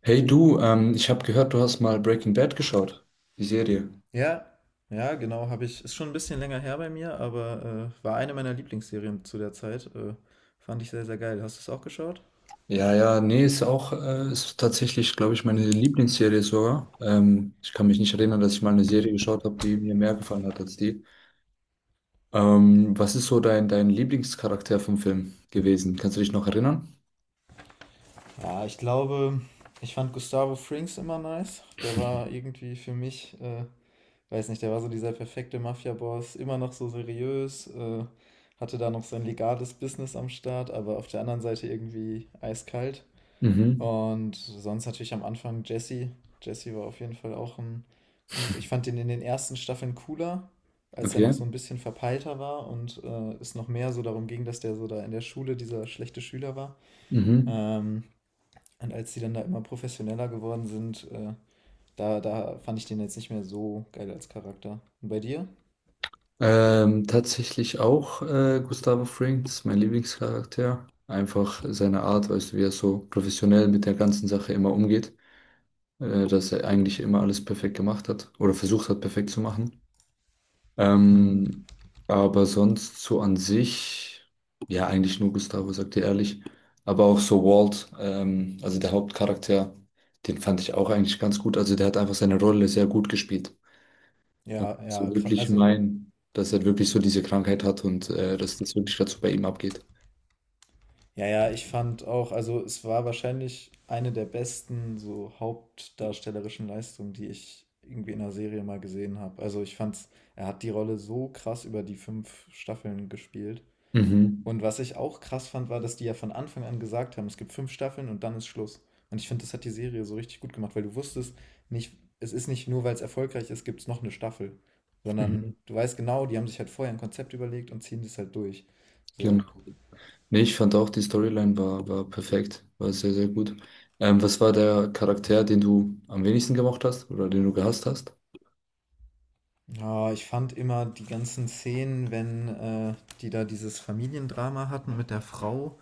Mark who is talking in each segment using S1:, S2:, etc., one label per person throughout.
S1: Hey du, ich habe gehört, du hast mal Breaking Bad geschaut, die Serie.
S2: Ja, ja, genau, habe ich. Ist schon ein bisschen länger her bei mir, aber, war eine meiner Lieblingsserien zu der Zeit. Fand ich sehr, sehr geil. Hast du es auch geschaut?
S1: Ja, ja, nee, ist auch, ist tatsächlich, glaube ich, meine Lieblingsserie sogar. Ich kann mich nicht erinnern, dass ich mal eine Serie geschaut habe, die mir mehr gefallen hat als die. Was ist so dein Lieblingscharakter vom Film gewesen? Kannst du dich noch erinnern?
S2: Ja, ich glaube, ich fand Gustavo Fring's immer nice. Der war irgendwie für mich weiß nicht, der war so dieser perfekte Mafiaboss, immer noch so seriös, hatte da noch sein legales Business am Start, aber auf der anderen Seite irgendwie eiskalt.
S1: Mhm,
S2: Und sonst natürlich am Anfang Jesse. Jesse war auf jeden Fall auch ein. Ich fand den in den ersten Staffeln cooler, als er noch
S1: okay.
S2: so ein bisschen verpeilter war und es noch mehr so darum ging, dass der so da in der Schule dieser schlechte Schüler war.
S1: Mhm.
S2: Ähm, und als die dann da immer professioneller geworden sind, da fand ich den jetzt nicht mehr so geil als Charakter. Und bei dir?
S1: Tatsächlich auch Gustavo Fring, das ist mein Lieblingscharakter. Einfach seine Art, weißt du, wie er so professionell mit der ganzen Sache immer umgeht. Dass er eigentlich immer alles perfekt gemacht hat oder versucht hat, perfekt zu machen.
S2: Hm.
S1: Ähm, aber sonst so an sich, ja, eigentlich nur Gustavo, sagt ihr ehrlich. Aber auch so Walt, also der Hauptcharakter, den fand ich auch eigentlich ganz gut. Also der hat einfach seine Rolle sehr gut gespielt. Man kann
S2: Ja, ja,
S1: so wirklich
S2: also.
S1: meinen, dass er wirklich so diese Krankheit hat und dass das wirklich dazu bei ihm abgeht.
S2: Ja, ja, ich fand auch, also es war wahrscheinlich eine der besten so hauptdarstellerischen Leistungen, die ich irgendwie in einer Serie mal gesehen habe. Also ich fand's, er hat die Rolle so krass über die fünf Staffeln gespielt.
S1: Mhm.
S2: Und was ich auch krass fand, war, dass die ja von Anfang an gesagt haben, es gibt fünf Staffeln und dann ist Schluss. Und ich finde, das hat die Serie so richtig gut gemacht, weil du wusstest nicht, es ist nicht nur, weil es erfolgreich ist, gibt es noch eine Staffel, sondern
S1: Mhm.
S2: du weißt genau, die haben sich halt vorher ein Konzept überlegt und ziehen das halt durch.
S1: Genau.
S2: So.
S1: Nee, ich fand auch, die Storyline war perfekt, war sehr, sehr gut. Was war der Charakter, den du am wenigsten gemocht hast oder den du gehasst hast?
S2: Ja, ich fand immer die ganzen Szenen, wenn die da dieses Familiendrama hatten mit der Frau.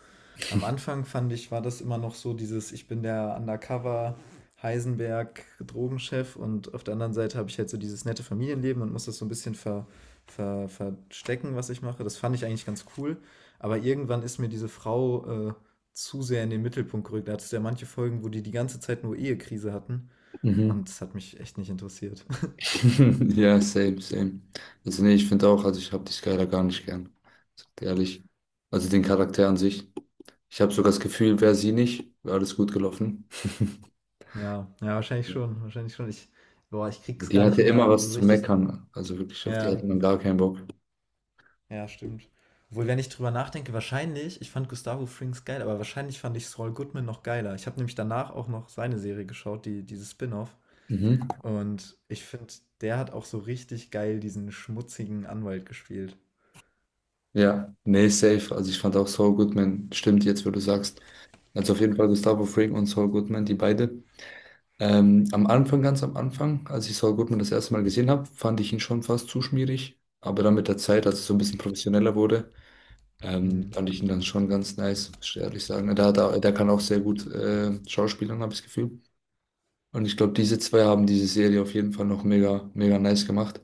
S2: Am Anfang fand ich, war das immer noch so dieses, ich bin der Undercover Heisenberg Drogenchef und auf der anderen Seite habe ich halt so dieses nette Familienleben und muss das so ein bisschen verstecken, was ich mache. Das fand ich eigentlich ganz cool. Aber irgendwann ist mir diese Frau zu sehr in den Mittelpunkt gerückt. Da hat es ja manche Folgen, wo die die ganze Zeit nur Ehekrise hatten
S1: Mhm.
S2: und es hat mich echt nicht interessiert.
S1: Ja, same, same. Also nee, ich finde auch, also ich habe die Skylar gar nicht gern. Sag dir Ehrlich. Also den Charakter an sich. Ich habe sogar das Gefühl, wäre sie nicht, wäre alles gut gelaufen.
S2: Ja, ja, wahrscheinlich schon, wahrscheinlich schon. Boah, ich krieg's
S1: Die
S2: gar nicht
S1: hatte immer
S2: mehr
S1: was
S2: so
S1: zu
S2: richtig.
S1: meckern. Also wirklich, auf die hatte
S2: Ja,
S1: man gar keinen Bock.
S2: ja, stimmt. Obwohl, wenn ich drüber nachdenke, wahrscheinlich, ich fand Gustavo Frings geil, aber wahrscheinlich fand ich Saul Goodman noch geiler. Ich habe nämlich danach auch noch seine Serie geschaut, die, dieses Spin-off.
S1: Mhm.
S2: Und ich finde, der hat auch so richtig geil diesen schmutzigen Anwalt gespielt.
S1: Ja, nee, safe. Also ich fand auch Saul Goodman, stimmt jetzt, wo du sagst. Also auf jeden Fall Gustavo Fring und Saul Goodman, die beide. Am Anfang, ganz am Anfang, als ich Saul Goodman das erste Mal gesehen habe, fand ich ihn schon fast zu schmierig. Aber dann mit der Zeit, als es so ein bisschen professioneller wurde,
S2: Hm.
S1: fand ich ihn dann schon ganz nice, muss ich ehrlich sagen. Der kann auch sehr gut schauspielern, habe ich das Gefühl. Und ich glaube, diese zwei haben diese Serie auf jeden Fall noch mega, mega nice gemacht.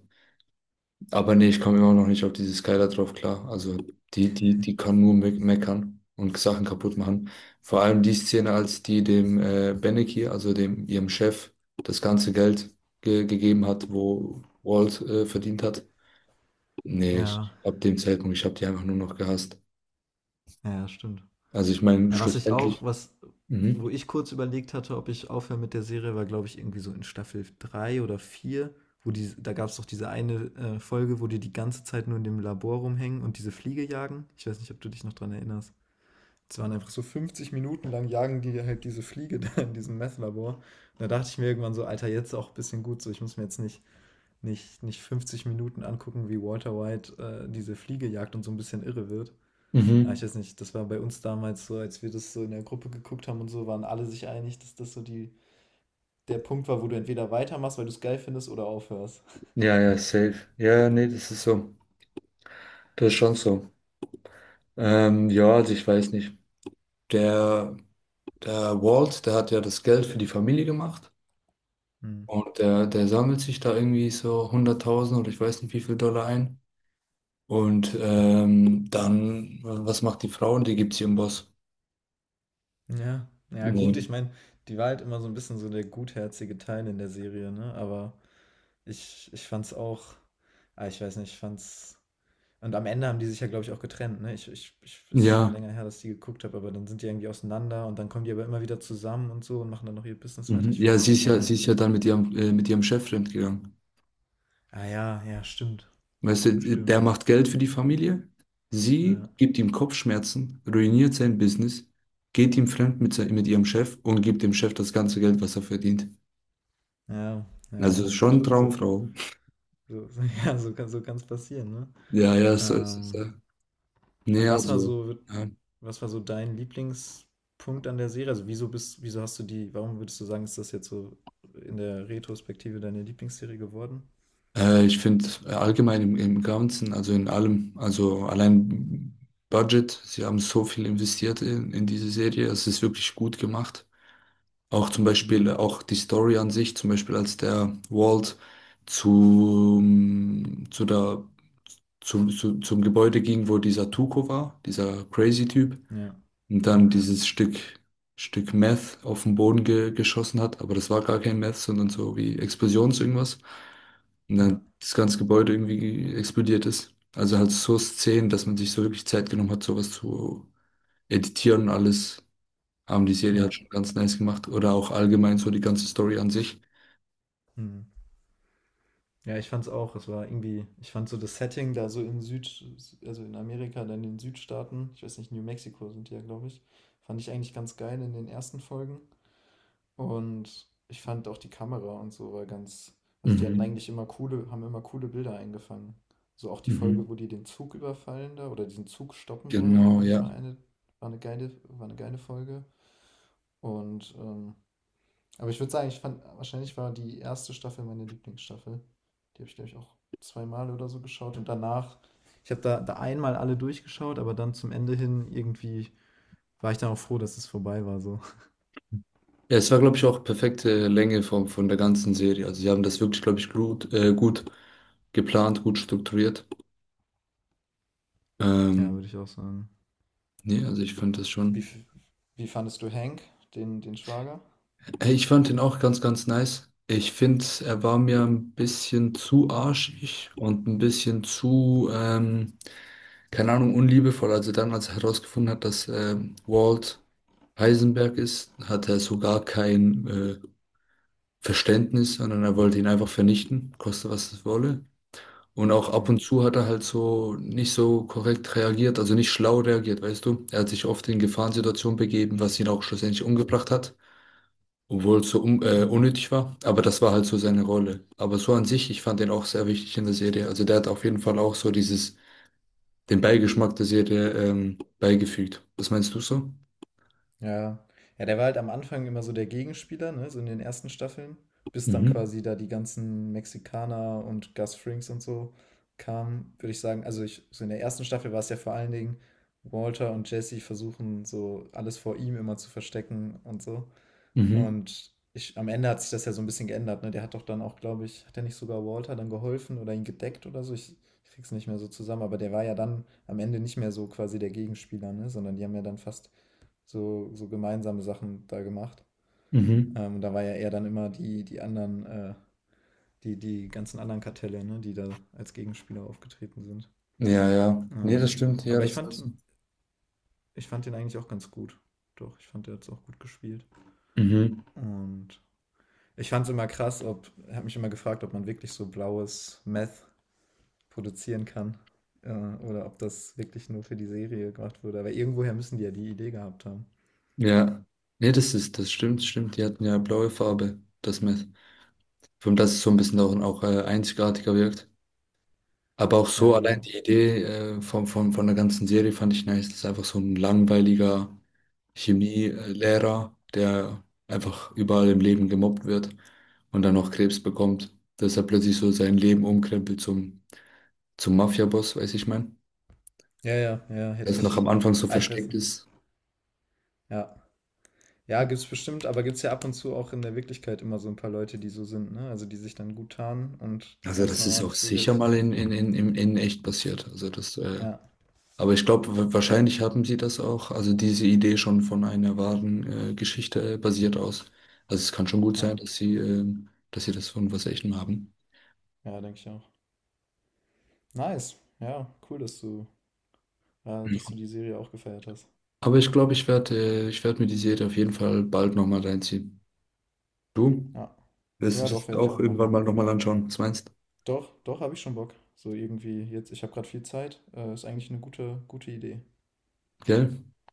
S1: Aber nee, ich komme immer noch nicht auf diese Skylar drauf klar. Also die kann nur me meckern und Sachen kaputt machen. Vor allem die Szene, als die dem Beneki, also dem ihrem Chef, das ganze Geld ge gegeben hat, wo Walt verdient hat. Nee,
S2: Ja,
S1: ich, ab dem Zeitpunkt, ich habe die einfach nur noch gehasst.
S2: ja, stimmt.
S1: Also ich meine,
S2: Ja, was ich auch,
S1: schlussendlich.
S2: was, wo
S1: Mhm.
S2: ich kurz überlegt hatte, ob ich aufhöre mit der Serie, war, glaube ich, irgendwie so in Staffel 3 oder 4, wo die, da gab es doch diese eine Folge, wo die die ganze Zeit nur in dem Labor rumhängen und diese Fliege jagen. Ich weiß nicht, ob du dich noch dran erinnerst. Es waren einfach so 50 Minuten lang jagen die halt diese Fliege da in diesem Meth-Labor. Und da dachte ich mir irgendwann so, Alter, jetzt auch ein bisschen gut so. Ich muss mir jetzt nicht 50 Minuten angucken, wie Walter White diese Fliege jagt und so ein bisschen irre wird. Ah, ich
S1: Mhm.
S2: weiß nicht, das war bei uns damals so, als wir das so in der Gruppe geguckt haben und so, waren alle sich einig, dass das so die, der Punkt war, wo du entweder weitermachst, weil du es geil findest, oder aufhörst.
S1: Ja, ja, safe. Ja, nee, das ist so. Das ist schon so. Ja, also ich weiß nicht. Der. Der Walt, der hat ja das Geld für die Familie gemacht
S2: Hm.
S1: und der sammelt sich da irgendwie so hunderttausend oder ich weiß nicht wie viel Dollar ein. Und dann, was macht die Frau? Die gibt sie ihrem Boss.
S2: Ja, ja, gut,
S1: Nee.
S2: ich meine, die war halt immer so ein bisschen so der gutherzige Teil in der Serie, ne? Aber ich fand's auch, ah, ich weiß nicht, ich fand's. Und am Ende haben die sich ja, glaube ich, auch getrennt, ne? Ist schon
S1: Ja,
S2: länger her, dass ich die geguckt habe, aber dann sind die irgendwie auseinander und dann kommen die aber immer wieder zusammen und so und machen dann noch ihr Business weiter.
S1: mhm.
S2: Ich fand
S1: Ja,
S2: das
S1: sie ist
S2: irgendwann
S1: ja, sie ist
S2: nervig.
S1: ja dann mit ihrem Chef gegangen.
S2: Ah ja, ja, stimmt.
S1: Weißt du, der
S2: Stimmt.
S1: macht Geld für die Familie, sie
S2: Ja,
S1: gibt ihm Kopfschmerzen, ruiniert sein Business, geht ihm fremd mit, mit ihrem Chef und gibt dem Chef das ganze Geld, was er verdient.
S2: ja,
S1: Also
S2: ja,
S1: ist
S2: gut.
S1: schon
S2: So,
S1: Traumfrau.
S2: so, so, ja, so kann's passieren, ne?
S1: Ja, ja, so ist es.
S2: Ähm,
S1: Nee,
S2: und was war
S1: also,
S2: so,
S1: ja.
S2: was war so dein Lieblingspunkt an der Serie? Also wieso hast du die, warum würdest du sagen, ist das jetzt so in der Retrospektive deine Lieblingsserie geworden?
S1: Ich finde allgemein im Ganzen, also in allem, also allein Budget, sie haben so viel investiert in diese Serie, es ist wirklich gut gemacht. Auch zum Beispiel,
S2: Hm.
S1: auch die Story an sich, zum Beispiel als der Walt zu zu der, zum, zu, zum Gebäude ging, wo dieser Tuco war, dieser crazy Typ,
S2: Ja,
S1: und dann
S2: ja,
S1: Stück Meth auf den Boden ge geschossen hat, aber das war gar kein Meth, sondern so wie Explosions irgendwas. Und
S2: ja,
S1: dann das ganze Gebäude irgendwie explodiert ist. Also halt so Szenen, dass man sich so wirklich Zeit genommen hat, sowas zu editieren und alles, haben die Serie
S2: ja.
S1: halt schon ganz nice gemacht. Oder auch allgemein so die ganze Story an sich.
S2: Hm. Ja, ich fand's auch. Es war irgendwie, ich fand so das Setting da so in Süd, also in Amerika, dann in den Südstaaten, ich weiß nicht, New Mexico sind die ja, glaube ich, fand ich eigentlich ganz geil in den ersten Folgen. Und ich fand auch die Kamera und so war ganz, also die hatten
S1: Mhm.
S2: eigentlich immer coole, haben immer coole Bilder eingefangen. So auch die Folge,
S1: Mhm.
S2: wo die den Zug überfallen da oder diesen Zug stoppen wollen,
S1: Genau,
S2: fand ich
S1: ja.
S2: mal eine, war eine geile Folge. Und aber ich würde sagen, ich fand, wahrscheinlich war die erste Staffel meine Lieblingsstaffel. Die habe ich, glaube ich, auch zweimal oder so geschaut. Und danach, ich habe da einmal alle durchgeschaut, aber dann zum Ende hin irgendwie war ich dann auch froh, dass es vorbei war. So.
S1: Ja, es war, glaube ich, auch perfekte Länge von der ganzen Serie. Also sie haben das wirklich, glaube ich, gut, gut geplant, gut strukturiert.
S2: Ja,
S1: Ähm,
S2: würde ich auch sagen.
S1: Nee, also ich fand das
S2: Wie,
S1: schon.
S2: wie fandest du Hank, den Schwager?
S1: Ey, ich fand ihn auch ganz, ganz nice. Ich finde, er war mir ein bisschen zu arschig und ein bisschen zu, keine Ahnung, unliebevoll. Also dann, als er herausgefunden hat, dass Walt Heisenberg ist, hatte er sogar kein Verständnis, sondern er wollte ihn einfach vernichten, koste was es wolle. Und auch ab und
S2: Hm.
S1: zu hat er halt so nicht so korrekt reagiert, also nicht schlau reagiert, weißt du? Er hat sich oft in Gefahrensituationen begeben, was ihn auch schlussendlich umgebracht hat, obwohl es so un
S2: Mhm.
S1: unnötig war, aber das war halt so seine Rolle. Aber so an sich, ich fand den auch sehr wichtig in der Serie. Also der hat auf jeden Fall auch so dieses, den Beigeschmack der Serie beigefügt. Was meinst du so?
S2: Ja. Ja, der war halt am Anfang immer so der Gegenspieler, ne, so in den ersten Staffeln, bis dann
S1: Mhm.
S2: quasi da die ganzen Mexikaner und Gus Frings und so kamen, würde ich sagen. Also ich, so in der ersten Staffel war es ja vor allen Dingen Walter und Jesse versuchen so alles vor ihm immer zu verstecken und so.
S1: Mhm.
S2: Und ich, am Ende hat sich das ja so ein bisschen geändert, ne? Der hat doch dann auch, glaube ich, hat er nicht sogar Walter dann geholfen oder ihn gedeckt oder so? Ich krieg's nicht mehr so zusammen, aber der war ja dann am Ende nicht mehr so quasi der Gegenspieler, ne, sondern die haben ja dann fast so gemeinsame Sachen da gemacht.
S1: Mhm.
S2: Da war ja eher dann immer die anderen, die ganzen anderen Kartelle, ne, die da als Gegenspieler aufgetreten sind.
S1: Ja, ja. Nee, das
S2: Ähm,
S1: stimmt, ja,
S2: aber ich
S1: das
S2: fand
S1: hast du.
S2: ich fand den eigentlich auch ganz gut. Doch, ich fand, der hat es auch gut gespielt.
S1: Mhm.
S2: Und ich fand es immer krass, ob, habe mich immer gefragt, ob man wirklich so blaues Meth produzieren kann. Äh, oder ob das wirklich nur für die Serie gemacht wurde. Aber irgendwoher müssen die ja die Idee gehabt haben.
S1: Ja. Nee, das ist, das stimmt, stimmt. Die hatten ja blaue Farbe, das Meth. Von das ist so ein bisschen auch, auch einzigartiger wirkt. Aber auch
S2: Ja,
S1: so allein
S2: genau.
S1: die Idee von der ganzen Serie fand ich nice. Das ist einfach so ein langweiliger Chemielehrer, der einfach überall im Leben gemobbt wird und dann noch Krebs bekommt. Dass er plötzlich so sein Leben umkrempelt zum Mafia-Boss, weiß ich mein.
S2: Ja, ja, ja, hätte
S1: Das noch
S2: ich.
S1: am Anfang so
S2: Ah, ich weiß
S1: versteckt
S2: nicht.
S1: ist.
S2: Ja. Ja, gibt's bestimmt, aber gibt's ja ab und zu auch in der Wirklichkeit immer so ein paar Leute, die so sind, ne? Also die sich dann gut tarnen und
S1: Also
S2: ganz
S1: das ist auch
S2: normales
S1: sicher mal
S2: Bürgerliches.
S1: in echt passiert. Also das
S2: Ja,
S1: aber ich glaube, wahrscheinlich haben sie das auch, also diese Idee schon von einer wahren Geschichte basiert aus. Also es kann schon gut
S2: ja,
S1: sein, dass sie das von was Echtem haben.
S2: ja, denke ich auch. Nice. Ja, cool, dass du, ja,
S1: Ja.
S2: dass du die Serie auch gefeiert hast.
S1: Aber ich glaube, ich werde ich werd mir die Serie auf jeden Fall bald nochmal reinziehen. Du?
S2: Ja.
S1: Wirst du
S2: Ja,
S1: das
S2: doch, werde ich
S1: auch
S2: auch
S1: irgendwann
S2: machen.
S1: mal nochmal anschauen? Was meinst du?
S2: Doch, doch, habe ich schon Bock. So irgendwie jetzt, ich habe gerade viel Zeit. Ist eigentlich eine gute, gute Idee.
S1: Gell?